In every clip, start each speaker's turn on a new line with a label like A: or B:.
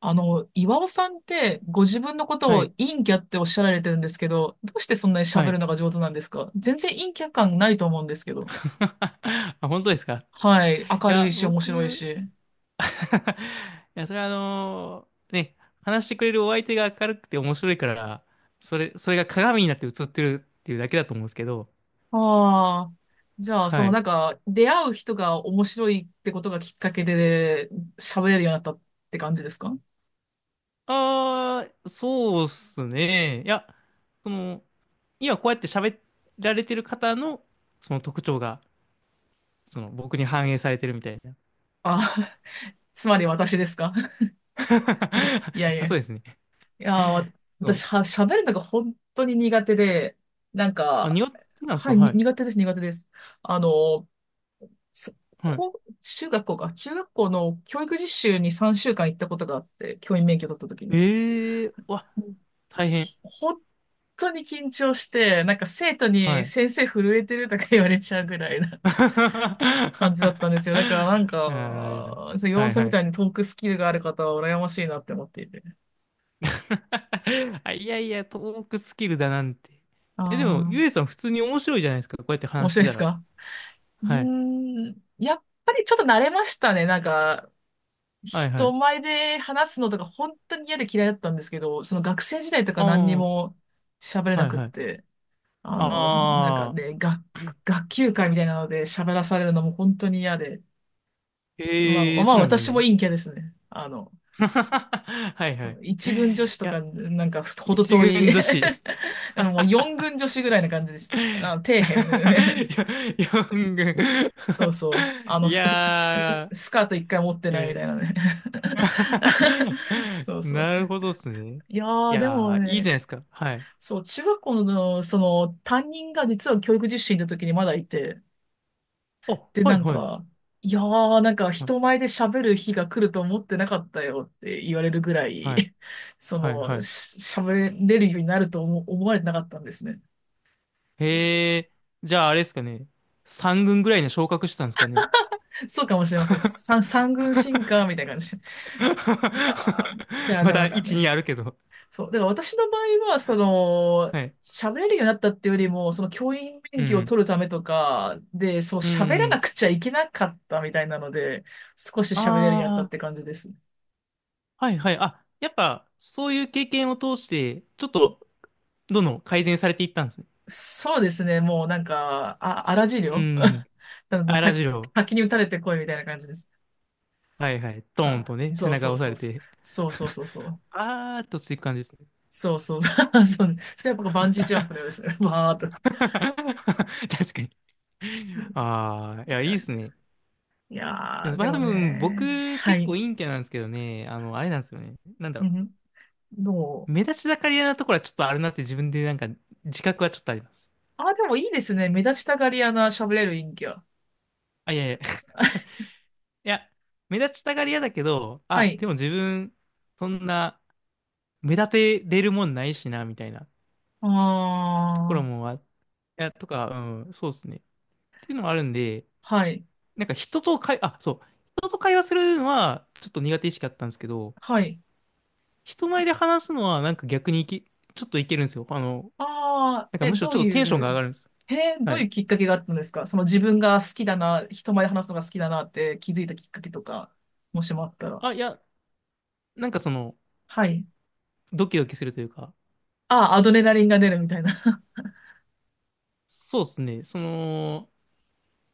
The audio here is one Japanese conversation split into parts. A: 岩尾さんってご自分のこと
B: は
A: を
B: い、
A: 陰キャっておっしゃられてるんですけど、どうしてそんなに
B: は
A: 喋る
B: い。
A: のが上手なんですか？全然陰キャ感ないと思うんですけど。
B: あ、本当ですか？い
A: はい。明る
B: や、
A: いし、面白い
B: 僕
A: し。
B: いや、それはね、話してくれるお相手が明るくて面白いから、それが鏡になって映ってるっていうだけだと思うんですけど、
A: ああ。じゃあ、そ
B: は
A: の
B: い。
A: なんか、出会う人が面白いってことがきっかけで喋れるようになったって感じですか？
B: ああ、そうっすね。いや、その、今こうやって喋られてる方の、その特徴が、その、僕に反映されてるみたいな。
A: あ、つまり私ですか？ いやい
B: あ、
A: や。
B: そう
A: い
B: ですね。
A: や、
B: そ
A: 私
B: う。
A: は、喋るのが本当に苦手で、なん
B: あ、
A: か、
B: 庭ってなんです
A: は
B: か？
A: い、
B: は
A: に
B: い。
A: 苦手です、苦手です。あの、そ
B: はい。
A: こう、中学校の教育実習に3週間行ったことがあって、教員免許取った時に。
B: ええー、うわ、
A: うん。
B: 大変。
A: ほ本当に緊張して、なんか生徒
B: は
A: に
B: い。
A: 先生震えてるとか言われちゃうぐらいな
B: あ
A: 感じだったんですよ。だからなん
B: ー
A: か、そう、
B: は
A: 要
B: い
A: 素
B: は
A: み
B: い。
A: たいにトークスキルがある方は羨ましいなって思っていて。
B: あ、いやいや、トークスキルだなんて。
A: あ
B: え、でも、ゆ
A: あ、
B: えさん普通に面白いじゃないですか。こうやって
A: 面
B: 話し
A: 白い
B: て
A: で
B: た
A: す
B: ら。
A: か？う
B: はい。
A: ーん、やっぱりちょっと慣れましたね。なんか、
B: はいは
A: 人
B: い。
A: 前で話すのとか本当に嫌で嫌いだったんですけど、その学生時代とか
B: あ
A: 何に
B: あ、
A: も喋れ
B: は
A: な
B: い
A: くっ
B: はい。
A: て、あ
B: あ
A: の、なんかね、
B: あ、
A: 学級会みたいなので喋らされるのも本当に嫌で、まあ、
B: ええー、
A: ま
B: そ
A: あ
B: うなんです
A: 私も
B: ね。
A: 陰キャですね。あの、
B: はいはい。い
A: 一軍女子と
B: や、
A: か、なんかほど
B: 一
A: 遠い。
B: 軍女子。
A: もう四軍女子ぐらいな感じで す。
B: い
A: あの、底辺ね。
B: や、四軍。
A: そうそう。
B: いや
A: スカート一回持っ
B: ー、
A: て
B: い
A: ないみ
B: や、
A: たいなね。そうそう。
B: なるほどっすね。
A: いや
B: い
A: ー、でも
B: やー、いいじ
A: ね、
B: ゃないですか。はい。
A: そう、中学校の、その、担任が実は教育実習の時にまだいて、
B: あ、
A: で、
B: は
A: な
B: い
A: ん
B: はい。
A: か、いやー、なんか
B: は
A: 人前で喋る日が来ると思ってなかったよって言われるぐら
B: い、
A: い、
B: はい、はい。はい。
A: 喋れるようになると思われてなかったんですね。
B: へえ、じゃああれですかね。3軍ぐらいに昇格してたんですかね。
A: そうかもしれません。三軍進化みたいな 感じ。いやー、いや、で
B: ま
A: もな
B: だ
A: んか
B: 1、2
A: ね、
B: あるけど。
A: そう。だから私の場合は、その、
B: はい。
A: 喋れるようになったっていうよりも、その教員
B: う
A: 免許を
B: ん。
A: 取るためとかで、そう
B: う
A: 喋ら
B: ん。
A: なくちゃいけなかったみたいなので、少し喋れるようになったっ
B: ああ、
A: て感じです。
B: はいはい。あ、やっぱ、そういう経験を通して、ちょっと、どんどん改善されていったんですね。
A: そうですね。もうなんか、あ、荒治
B: う
A: 療。
B: ん。
A: あの
B: あらじ
A: 滝、
B: ろ
A: 滝に打たれてこいみたいな感じです。
B: う。はいはい。ドーンと
A: あ、
B: ね、背
A: そう
B: 中
A: そ
B: を
A: う
B: 押さ
A: そう
B: れ
A: そう。
B: て。
A: そうそうそうそう。
B: あーっとついく感じですね。
A: そうそう。 そう。それはやっぱバンジージャンプのようですね。わーっと。
B: 確かに。ああ、いや、いいですね。
A: い
B: で
A: や
B: も、
A: ー、で
B: まあ、多
A: も
B: 分、
A: ね。
B: 僕、
A: は
B: 結構
A: い。
B: 陰キャなんですけどね、あの、あれなんですよね。なんだ
A: う
B: ろ
A: ん。ど
B: う。
A: う？
B: 目立ちたがり屋なところはちょっとあるなって自分でなんか、自覚はちょっとあります。
A: あ、でもいいですね。目立ちたがり屋な喋れる陰キャ。
B: あ、いやいや。いや、目立ちたがり屋だけど、
A: は
B: あ、
A: い。
B: でも自分、そんな、目立てれるもんないしな、みたいな
A: あ
B: ところ
A: あ、
B: もあ、いや、とか、うん、そうですね。っていうのもあるんで、
A: はい。
B: なんか人と会、あ、そう、人と会話するのはちょっと苦手意識あったんですけど、
A: はい。
B: 人前で話すのはなんか逆にいき、ちょっといけるんですよ。あの、
A: ああ、
B: なんか
A: え、
B: むしろ
A: ど
B: ち
A: う
B: ょっとテンション
A: い
B: が上が
A: う、
B: るんです。
A: え、ど
B: は
A: うい
B: い。
A: うきっかけがあったんですか？その自分が好きだな、人前で話すのが好きだなって気づいたきっかけとか、もしもあったら。
B: あ、いや、なんかその、
A: はい。
B: ドキドキするというか、
A: ああ、アドレナリンが出るみたいな。
B: そうですね、その、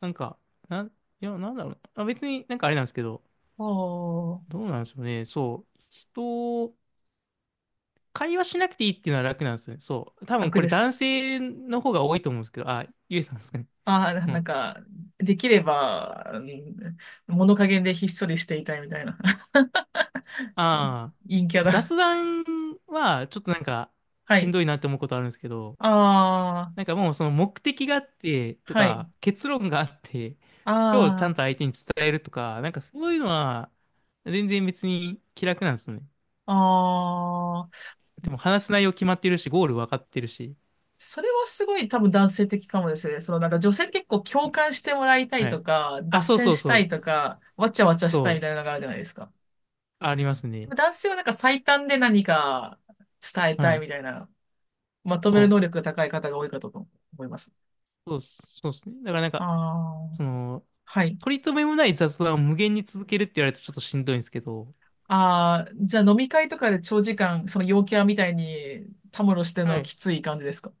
B: なんか、なん、いや、なんだろうな。あ、別になんかあれなんですけど、
A: おー、
B: どうなんでしょうね。そう、人、会話しなくていいっていうのは楽なんですよね。そう。多分
A: 楽
B: これ
A: で
B: 男
A: す。
B: 性の方が多いと思うんですけど、あ、ゆえさんですかね。
A: ああ、
B: そ
A: ななん
B: の、
A: か、できれば、うん、物陰でひっそりしていたいみたいな。
B: ああ、
A: 陰キャだ。
B: 雑談はちょっとなんか
A: は
B: しん
A: い。
B: どいなって思うことあるんですけど、
A: あ、
B: なんかもうその目的があってと
A: はい。
B: か結論があって、それをちゃ
A: あ
B: んと相手に伝えるとか、なんかそういうのは全然別に気楽なんですよね。
A: あ、ああ、
B: でも話す内容決まってるし、ゴール分かってるし。
A: それはすごい多分男性的かもですね。そのなんか女性って結構共感してもらいたい
B: は
A: と
B: い。
A: か、
B: あ、
A: 脱
B: そう
A: 線
B: そう
A: した
B: そ
A: いと
B: う。
A: か、わちゃわちゃした
B: そ
A: いみたいなの
B: う。
A: があるじゃないですか。
B: あります
A: で
B: ね。
A: も男性はなんか最短で何か伝えた
B: は
A: い
B: い。
A: みたいな、まとめ
B: そ
A: る能
B: う。
A: 力が高い方が多いかと思います。
B: そうですね。だからなんか、
A: ああ、
B: その、
A: はい。
B: 取り留めもない雑談を無限に続けるって言われるとちょっとしんどいんですけど、
A: ああ、じゃあ飲み会とかで長時間、その陽キャみたいにたむろしてるの
B: は
A: は
B: い。
A: きつい感じですか？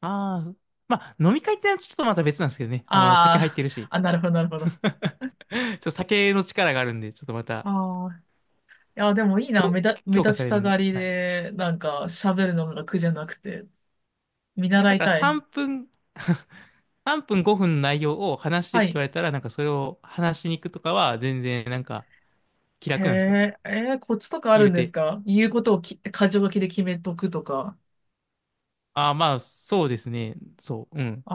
B: ああ、まあ、飲み会ってのはちょっとまた別なんですけどね。あの、酒入って
A: あ
B: るし。
A: あー、あ、なるほど、なるほど。
B: ちょっと酒の力があるんで、ちょっとまた、
A: あ、いや、でもいいな。
B: 強、
A: 目
B: 強化
A: 立
B: さ
A: ち
B: れ
A: た
B: るんで。
A: がり
B: はい。い
A: で、なんか喋るのが苦じゃなくて、見
B: や、
A: 習
B: だ
A: い
B: から
A: たい。
B: 3分、3分5分の内容を話して
A: は
B: って言
A: い。
B: われたら、なんかそれを話しに行くとかは、全然なんか気
A: へ
B: 楽なんですよ。
A: え、えーコツとかある
B: 言う
A: んです
B: て。
A: か？言うことをき、箇条書きで決めとくとか。
B: ああ、まあ、そうですね。そう、うん。
A: あ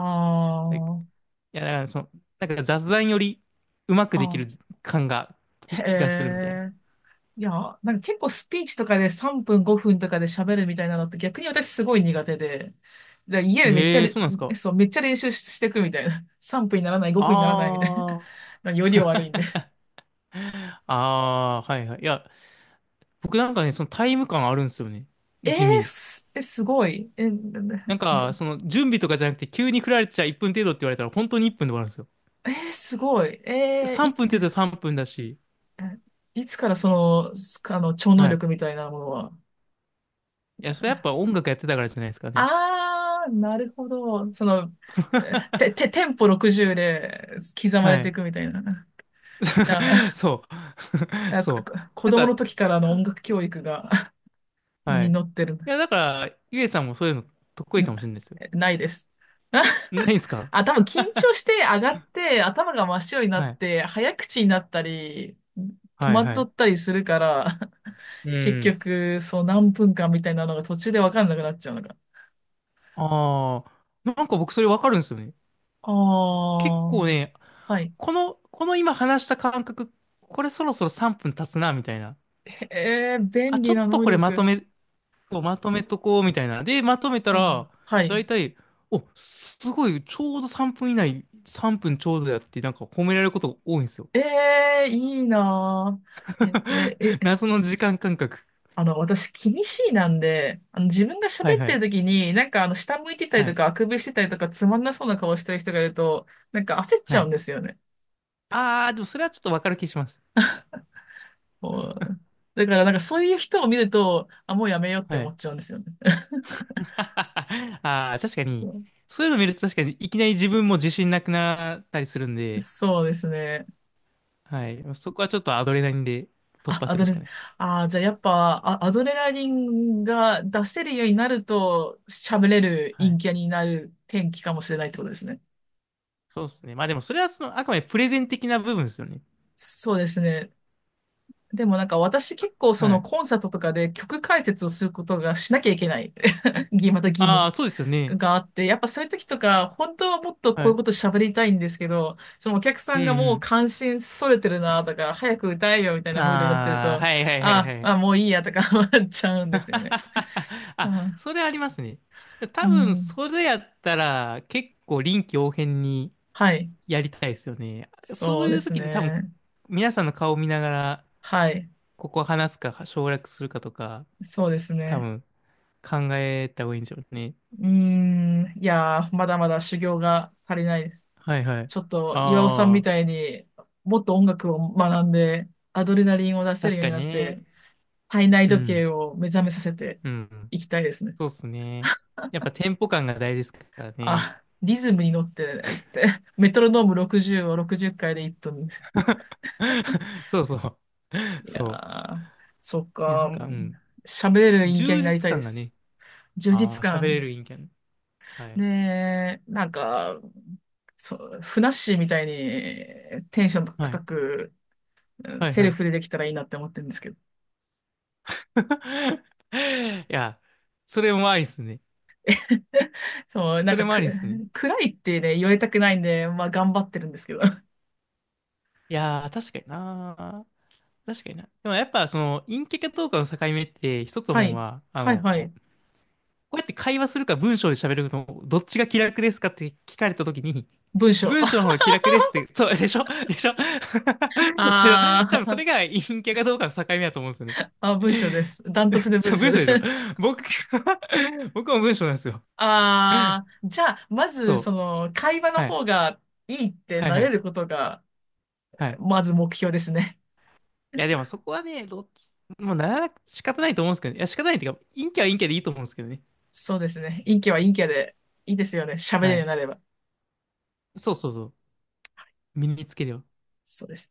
B: い、い
A: ー、
B: や、だからその、なんか雑談よりうまくでき
A: あ、
B: る感が、き
A: へ
B: 気がするみたいな。
A: え。いや、なんか結構スピーチとかで3分5分とかで喋るみたいなのって逆に私すごい苦手で、で家でめっちゃ
B: ええー、
A: れ、
B: そうなんですか？
A: そう、めっちゃ練習ししてくみたいな。3分にならない、
B: あ
A: 5分にならないみたい
B: あ。
A: な。より悪いんで。
B: ああ、はいはい。いや、僕なんかね、そのタイム感あるんですよね。
A: え
B: 地味
A: ー、
B: に。
A: え、すごい。え、なな
B: なんか、
A: だ、
B: その準備とかじゃなくて、急に振られちゃ1分程度って言われたら、本当に1分で終わるんですよ。
A: えーすごい。えーい
B: 3
A: つ、
B: 分って言ったら3分だし。
A: え、いつからその、あの、超能
B: はい。
A: 力みたいなものは。
B: いや、それやっぱ音楽やってたからじゃないですかね。
A: あー、なるほど。その、えて、て、テンポ60で刻まれ
B: は
A: てい
B: い。
A: くみたいな。じゃ あ、
B: そう。
A: あこ
B: そう。
A: こ子
B: なん
A: 供の
B: か、
A: 時からの音
B: た、
A: 楽教育が
B: はい。
A: 実
B: い
A: ってる。ん、
B: や、だから、ゆえさんもそういうの得意かもしれないですよ。
A: ないです。
B: ないですか？
A: あ、多分緊張して上がって頭が真っ白になっ
B: はい。
A: て早口になったり戸
B: はい、は
A: 惑っ
B: い。
A: たりするから、
B: う
A: 結
B: ん。
A: 局そう何分間みたいなのが途中で分かんなくなっちゃうのが。
B: ああ、なんか僕それわかるんですよね。
A: あ
B: 結
A: あ、
B: 構ね、
A: はい。
B: この今話した感覚、これそろそろ3分経つな、みたいな。
A: えー、便
B: あ、ちょ
A: 利
B: っ
A: な
B: と
A: 能
B: これまと
A: 力。
B: め、まとめとこう、みたいな。で、まとめたら、
A: あー、は
B: だ
A: い。
B: いたい、お、すごい、ちょうど3分以内、3分ちょうどやって、なんか褒められることが多いんですよ。
A: えー、いいなー。え、え、え、
B: 謎の時間感覚。
A: あの、私、気にしいなんで、あの、自分が
B: はい
A: 喋っ
B: は
A: てる
B: い。
A: 時に、なんか、あの、下向いてたり
B: は
A: と
B: い。
A: か、あくびしてたりとか、つまんなそうな顔してる人がいると、なんか焦っち
B: は
A: ゃうん
B: い。
A: ですよね。
B: あー、でもそれはちょっとわかる気します。
A: こう、だからなんかそういう人を見ると、あ、もうやめようって
B: は
A: 思
B: い。
A: っちゃうんですよね。
B: あー、確かに、
A: そ
B: そういうの見ると確かに、いきなり自分も自信なくなったりするん
A: う、
B: で、
A: そうですね。
B: はい。そこはちょっとアドレナリンで突
A: あ、
B: 破
A: ア
B: す
A: ド
B: るしか
A: レ、
B: ないです。
A: あー、じゃあやっぱ、あ、アドレナリンが出せるようになると、喋れる
B: は
A: 陰
B: い。
A: キャになる天気かもしれないってことですね。
B: そうですね。まあでもそれはその、あくまでプレゼン的な部分ですよね。
A: そうですね。でもなんか私結構そ
B: は
A: の
B: い。
A: コンサートとかで曲解説をすることがしなきゃいけない。また義
B: あ
A: 務。
B: あ、そうですよね。
A: があって、やっぱそういう時とか、本当はもっとこ
B: は
A: ういう
B: い。
A: こと喋りたいんですけど、そのお客さ
B: うん
A: んがもう
B: う
A: 関心それてるなとか、早く歌えよみたい
B: ん。
A: なムードになってる
B: ああ、
A: と、
B: はいはいはい
A: あ
B: はい。
A: あ、もういいやとか 思っちゃうんですよね。
B: あ、
A: あ、
B: それありますね。
A: う
B: 多分、
A: ん。
B: それやったら結構臨機応変に
A: はい。
B: やりたいですよね。そ
A: そ
B: う
A: う
B: い
A: で
B: う
A: す
B: 時で多分、
A: ね。
B: 皆さんの顔を見ながら、
A: はい。
B: ここ話すか省略するかとか、
A: そうです
B: 多
A: ね。
B: 分考えた方がいいんでしょうね。
A: うーん。いやー、まだまだ修行が足りないです。
B: はいはい。
A: ちょっと、岩尾さんみ
B: ああ、
A: たいにもっと音楽を学んで、アドレナリンを出せる
B: 確
A: よう
B: か
A: に
B: に
A: なって、
B: ね。
A: 体内
B: う
A: 時
B: ん。
A: 計を目覚めさせて
B: うん。
A: いきたいですね。
B: そうっすね。やっぱテンポ感が大事ですからね。
A: あ、リズムに乗ってねって。メトロノーム60を60回で一分。
B: そう。
A: いや
B: そ
A: ー、そっ
B: う。いや、な
A: か。
B: んか、うん。
A: 喋れる陰キャ
B: 充
A: になり
B: 実
A: たいで
B: 感がね。
A: す。充
B: あ
A: 実
B: あ、喋れ
A: 感。
B: る陰キャン。はい。
A: ねえ、なんか、そう、ふなっしーみたいにテンション
B: は
A: 高
B: い。
A: く、うん
B: はい
A: セ
B: は
A: ル
B: い。
A: フでできたらいいなって思ってるんですけど。
B: いや、それもありっすね。
A: そう、なん
B: そ
A: か
B: れもあ
A: く、
B: りっすね。
A: 暗いってね、言われたくないんで、まあ頑張ってるんですけど。
B: いやー、確かになー。確かにな。でもやっぱ、その、陰キャかどうかの境目って、一つ
A: は
B: 思うの
A: い。
B: は、あ
A: はい
B: の、
A: はい。
B: こうやって会話するか文章で喋るの、どっちが気楽ですかって聞かれたときに、
A: 文章。
B: 文章の方が気楽ですって、そう、でしょ？ でしょ？ それ
A: あ
B: 多分そ
A: ー、
B: れが陰キャかどうかの境目だと思うんですよね。
A: あ、文章です。ダントツで 文
B: そう、
A: 章
B: 文章
A: で。
B: でしょ？ 僕、僕も文章なんですよ。
A: ああ、じゃあ、まず、そ
B: そう。
A: の、会話の
B: はい。
A: 方がいいって
B: はい
A: な
B: は
A: れ
B: い。
A: ることが、
B: はい。
A: まず目標ですね。
B: いや、でもそこはね、どっち、もうなら、仕方ないと思うんですけどね。いや、仕方ないっていうか、陰キャは陰キャでいいと思うんですけどね。
A: そうですね。陰キャは陰キャで、いいですよね。喋れる
B: は
A: ように
B: い。
A: なれば。
B: そう。身につければ。
A: そうです。